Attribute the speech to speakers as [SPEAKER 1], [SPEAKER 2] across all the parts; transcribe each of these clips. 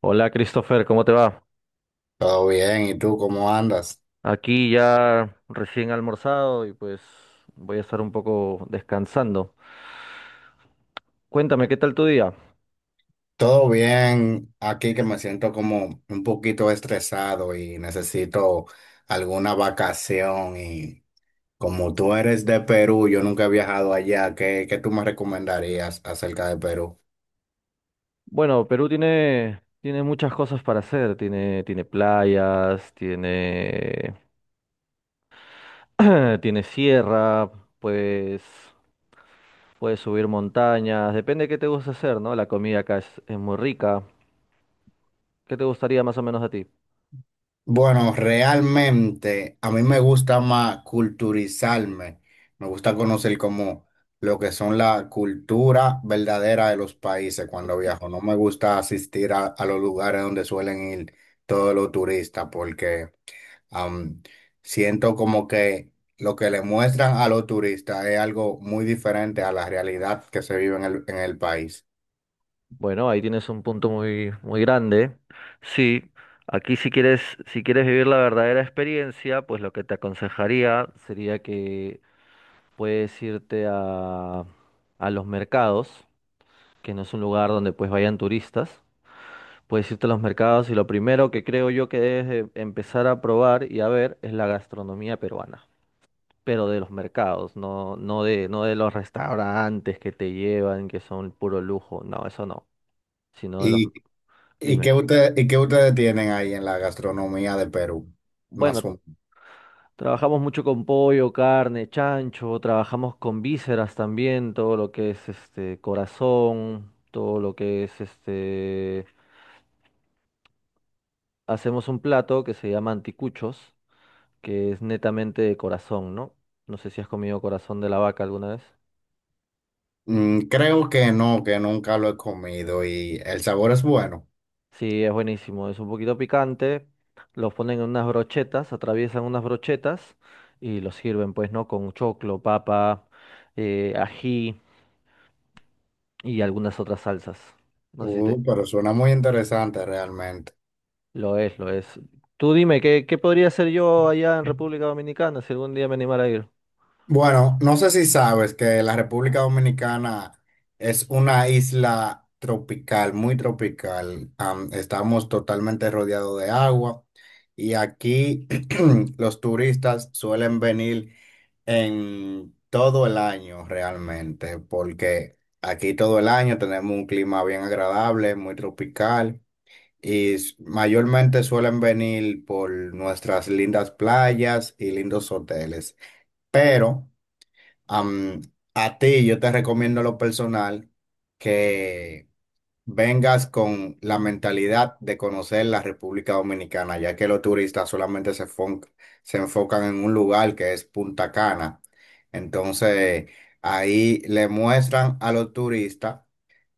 [SPEAKER 1] Hola Christopher, ¿cómo te va?
[SPEAKER 2] Todo bien, ¿y tú cómo andas?
[SPEAKER 1] Aquí ya recién almorzado y pues voy a estar un poco descansando. Cuéntame, ¿qué tal tu día?
[SPEAKER 2] Todo bien, aquí que me siento como un poquito estresado y necesito alguna vacación y como tú eres de Perú, yo nunca he viajado allá, ¿Qué tú me recomendarías acerca de Perú?
[SPEAKER 1] Bueno, Perú tiene muchas cosas para hacer. Tiene playas, tiene, tiene sierra, puedes, puedes subir montañas. Depende de qué te gusta hacer, ¿no? La comida acá es muy rica. ¿Qué te gustaría más o menos a ti?
[SPEAKER 2] Bueno, realmente a mí me gusta más culturizarme, me gusta conocer como lo que son la cultura verdadera de los países cuando viajo. No me gusta asistir a los lugares donde suelen ir todos los turistas porque am, siento como que lo que le muestran a los turistas es algo muy diferente a la realidad que se vive en en el país.
[SPEAKER 1] Bueno, ahí tienes un punto muy, muy grande. Sí, aquí si quieres, si quieres vivir la verdadera experiencia, pues lo que te aconsejaría sería que puedes irte a los mercados, que no es un lugar donde pues vayan turistas. Puedes irte a los mercados y lo primero que creo yo que debes de empezar a probar y a ver es la gastronomía peruana, pero de los mercados, no, no de los restaurantes que te llevan, que son puro lujo, no, eso no, sino de los...
[SPEAKER 2] ¿Y,
[SPEAKER 1] Dime.
[SPEAKER 2] y qué ustedes tienen ahí en la gastronomía de Perú? Más
[SPEAKER 1] Bueno,
[SPEAKER 2] o
[SPEAKER 1] trabajamos mucho con pollo, carne, chancho, trabajamos con vísceras también, todo lo que es este corazón, todo lo que es este. Hacemos un plato que se llama anticuchos, que es netamente de corazón, ¿no? No sé si has comido corazón de la vaca alguna vez.
[SPEAKER 2] Mm, creo que no, que nunca lo he comido y el sabor es bueno.
[SPEAKER 1] Sí, es buenísimo, es un poquito picante, los ponen en unas brochetas, atraviesan unas brochetas y los sirven, pues, ¿no? Con choclo, papa, ají y algunas otras salsas. No sé si te-
[SPEAKER 2] Pero suena muy interesante realmente.
[SPEAKER 1] Lo es, lo es. Tú dime, ¿qué podría hacer yo allá en República Dominicana si algún día me animara a ir?
[SPEAKER 2] Bueno, no sé si sabes que la República Dominicana es una isla tropical, muy tropical. Estamos totalmente rodeados de agua y aquí los turistas suelen venir en todo el año realmente, porque aquí todo el año tenemos un clima bien agradable, muy tropical. Y mayormente suelen venir por nuestras lindas playas y lindos hoteles. Pero am, a ti yo te recomiendo lo personal que vengas con la mentalidad de conocer la República Dominicana, ya que los turistas solamente se enfocan en un lugar que es Punta Cana. Entonces ahí le muestran a los turistas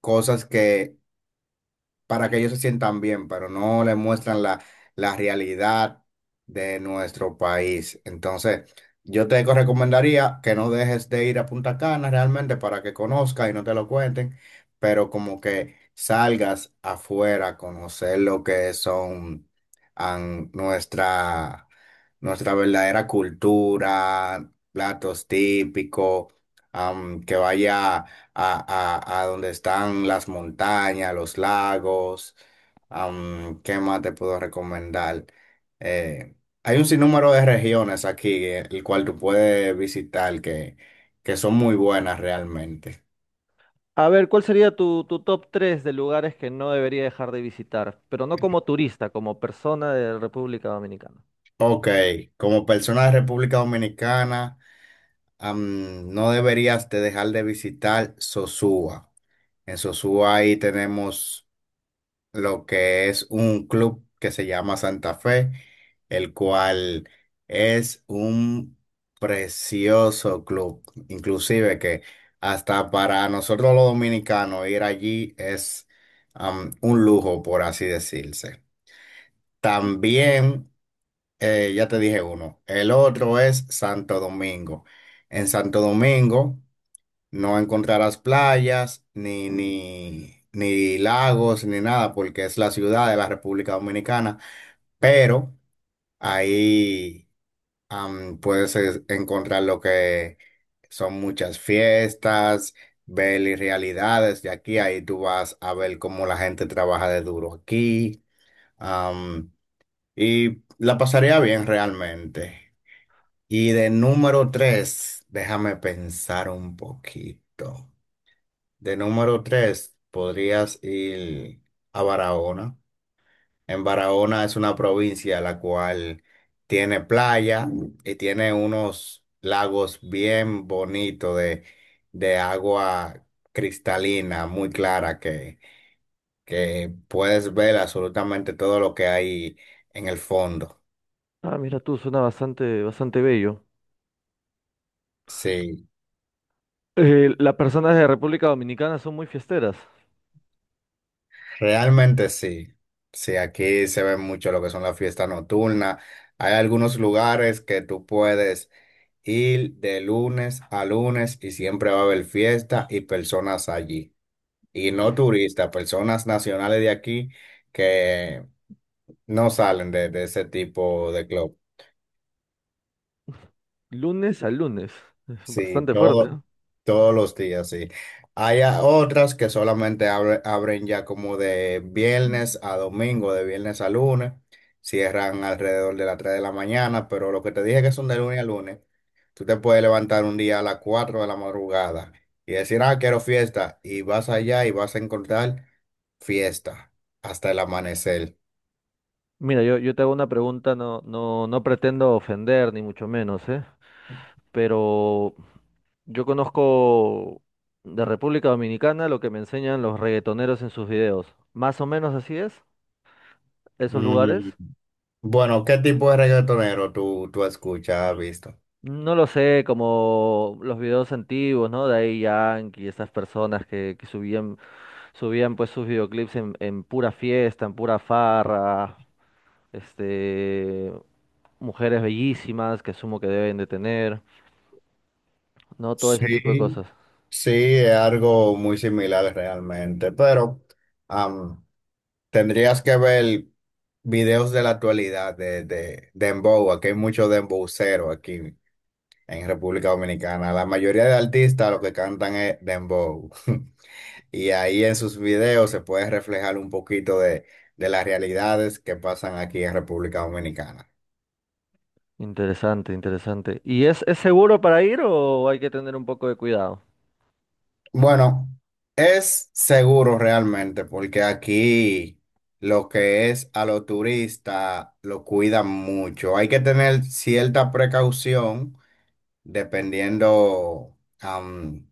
[SPEAKER 2] cosas que para que ellos se sientan bien, pero no les muestran la realidad de nuestro país. Entonces, yo te recomendaría que no dejes de ir a Punta Cana realmente para que conozcas y no te lo cuenten, pero como que salgas afuera a conocer lo que son an- nuestra, nuestra verdadera cultura, platos típicos, que vaya a donde están las montañas, los lagos. ¿Qué más te puedo recomendar? Eh, hay un sinnúmero de regiones aquí, el cual tú puedes visitar que son muy buenas realmente.
[SPEAKER 1] A ver, ¿cuál sería tu, tu top 3 de lugares que no debería dejar de visitar? Pero no como turista, como persona de República Dominicana.
[SPEAKER 2] Ok, como persona de República Dominicana, no deberías de dejar de visitar Sosúa. En Sosúa ahí tenemos lo que es un club que se llama Santa Fe, el cual es un precioso club, inclusive que hasta para nosotros los dominicanos ir allí es un lujo, por así decirse. También, ya te dije uno, el otro es Santo Domingo. En Santo Domingo no encontrarás playas, ni lagos, ni nada, porque es la ciudad de la República Dominicana, pero ahí puedes encontrar lo que son muchas fiestas, ver y realidades de aquí, ahí tú vas a ver cómo la gente trabaja de duro aquí, am, y la pasaría bien realmente. Y de número tres, déjame pensar un poquito. De número tres, podrías ir a Barahona. En Barahona es una provincia la cual tiene playa y tiene unos lagos bien bonitos de agua cristalina, muy clara, que puedes ver absolutamente todo lo que hay en el fondo.
[SPEAKER 1] Ah, mira tú, suena bastante, bastante bello.
[SPEAKER 2] Sí,
[SPEAKER 1] Las personas de República Dominicana son muy fiesteras.
[SPEAKER 2] realmente sí. Sí, aquí se ve mucho lo que son las fiestas nocturnas. Hay algunos lugares que tú puedes ir de lunes a lunes y siempre va a haber fiesta y personas allí. Y no
[SPEAKER 1] L-
[SPEAKER 2] turistas, personas nacionales de aquí que no salen de ese tipo de club.
[SPEAKER 1] Lunes a lunes. Es
[SPEAKER 2] Sí,
[SPEAKER 1] bastante fuerte, ¿no?
[SPEAKER 2] todos los días, sí. Hay otras que solamente abren ya como de viernes a domingo, de viernes a lunes. Cierran alrededor de las 3 de la mañana, pero lo que te dije que son de lunes a lunes, tú te puedes levantar un día a las 4 de la madrugada y decir, ah, quiero fiesta, y vas allá y vas a encontrar fiesta hasta el amanecer.
[SPEAKER 1] Mira, yo te hago una pregunta, no pretendo ofender, ni mucho menos, ¿eh? Pero yo conozco de República Dominicana lo que me enseñan los reggaetoneros en sus videos. Más o menos así es, esos lugares.
[SPEAKER 2] Mm. Bueno, ¿qué tipo de reggaetonero tú escuchas, has visto?
[SPEAKER 1] No lo sé, como los videos antiguos, ¿no? De ahí Yankee, esas personas que subían, subían pues sus videoclips en pura fiesta, en pura farra, este, mujeres bellísimas que asumo que deben de tener, ¿no? Todo ese tipo de
[SPEAKER 2] Sí.
[SPEAKER 1] cosas.
[SPEAKER 2] Sí, es algo muy similar realmente, pero am, tendrías que ver videos de la actualidad de Dembow, aquí hay mucho Dembowcero aquí en República Dominicana. La mayoría de artistas lo que cantan es Dembow. Y ahí en sus videos se puede reflejar un poquito de las realidades que pasan aquí en República Dominicana.
[SPEAKER 1] Interesante, interesante. ¿Y es seguro para ir o hay que tener un poco de cuidado?
[SPEAKER 2] Bueno, es seguro realmente, porque aquí lo que es a los turistas lo cuidan mucho. Hay que tener cierta precaución dependiendo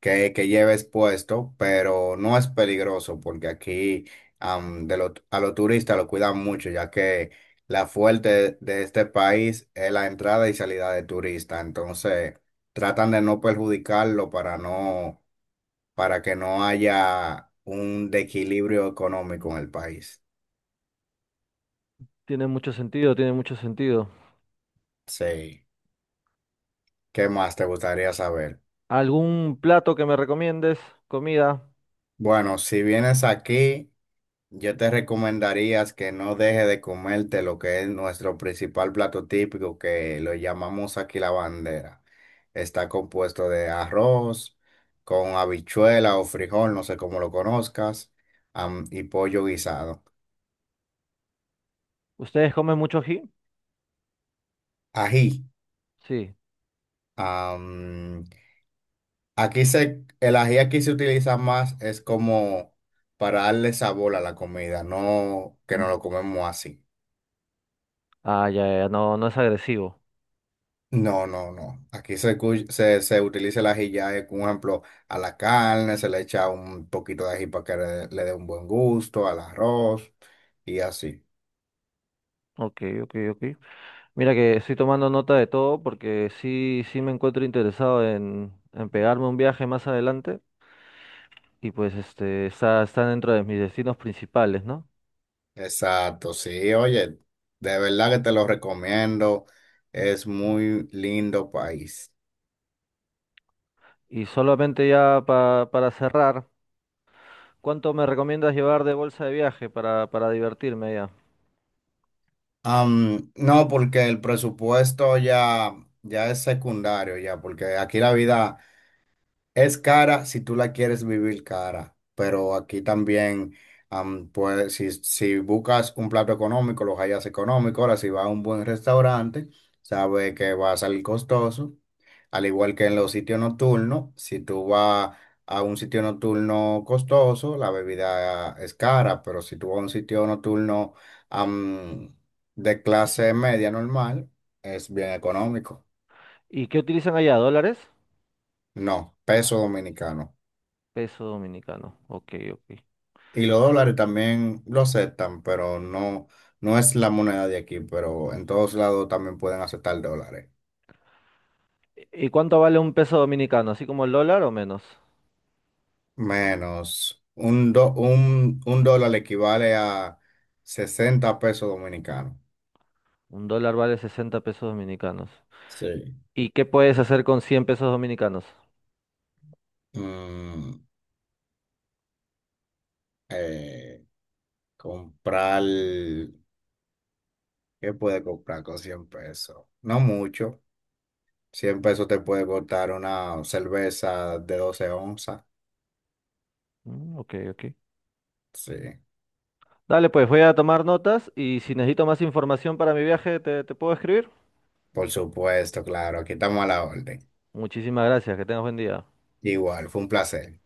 [SPEAKER 2] qué lleves puesto, pero no es peligroso porque aquí a los turistas lo cuidan mucho, ya que la fuerte de este país es la entrada y salida de turistas. Entonces, tratan de no perjudicarlo para que no haya un desequilibrio económico en el país.
[SPEAKER 1] Tiene mucho sentido, tiene mucho sentido.
[SPEAKER 2] Sí. ¿Qué más te gustaría saber?
[SPEAKER 1] ¿Algún plato que me recomiendes? Comida.
[SPEAKER 2] Bueno, si vienes aquí, yo te recomendaría que no dejes de comerte lo que es nuestro principal plato típico, que lo llamamos aquí la bandera. Está compuesto de arroz, con habichuela o frijol, no sé cómo lo conozcas, y pollo guisado.
[SPEAKER 1] ¿Ustedes comen mucho ají?
[SPEAKER 2] Ají.
[SPEAKER 1] Sí.
[SPEAKER 2] Aquí el ají aquí se utiliza más, es como para darle sabor a la comida, no que no lo comemos así.
[SPEAKER 1] Ah, ya, ya, no, no es agresivo.
[SPEAKER 2] No, no, no. Aquí se utiliza el ají ya, por ejemplo, a la carne, se le echa un poquito de ají para que le dé un buen gusto, al arroz y así.
[SPEAKER 1] Ok, ok, ok. Mira que estoy tomando nota de todo porque sí, sí me encuentro interesado en pegarme un viaje más adelante y pues este está, está dentro de mis destinos principales, ¿no?
[SPEAKER 2] Exacto, sí, oye, de verdad que te lo recomiendo. Es muy lindo país.
[SPEAKER 1] Y solamente ya pa- para cerrar. ¿Cuánto me recomiendas llevar de bolsa de viaje para divertirme allá?
[SPEAKER 2] No, porque el presupuesto ya es secundario, ya, porque aquí la vida es cara si tú la quieres vivir cara, pero aquí también, pues, si buscas un plato económico, los hallas económico. Ahora, si vas a un buen restaurante, sabes que va a salir costoso. Al igual que en los sitios nocturnos, si tú vas a un sitio nocturno costoso, la bebida es cara, pero si tú vas a un sitio nocturno, am, de clase media normal, es bien económico.
[SPEAKER 1] ¿Y qué utilizan allá? ¿Dólares?
[SPEAKER 2] No, peso dominicano.
[SPEAKER 1] Peso dominicano. Ok, ok.
[SPEAKER 2] Y los dólares también lo aceptan, pero no, no es la moneda de aquí, pero en todos lados también pueden aceptar dólares.
[SPEAKER 1] ¿Y cuánto vale un peso dominicano? ¿Así como el dólar o menos?
[SPEAKER 2] Menos un dólar equivale a 60 pesos dominicanos.
[SPEAKER 1] Un dólar vale 60 pesos dominicanos.
[SPEAKER 2] Sí.
[SPEAKER 1] ¿Y qué puedes hacer con 100 pesos dominicanos?
[SPEAKER 2] Mm, eh, comprar, ¿qué puede comprar con 100 pesos? No mucho. 100 pesos te puede costar una cerveza de 12 onzas.
[SPEAKER 1] Mm, ok, ok.
[SPEAKER 2] Sí,
[SPEAKER 1] Dale, pues voy a tomar notas y si necesito más información para mi viaje, te puedo escribir.
[SPEAKER 2] por supuesto, claro, aquí estamos a la orden.
[SPEAKER 1] Muchísimas gracias, que tengas buen día.
[SPEAKER 2] Igual, fue un placer.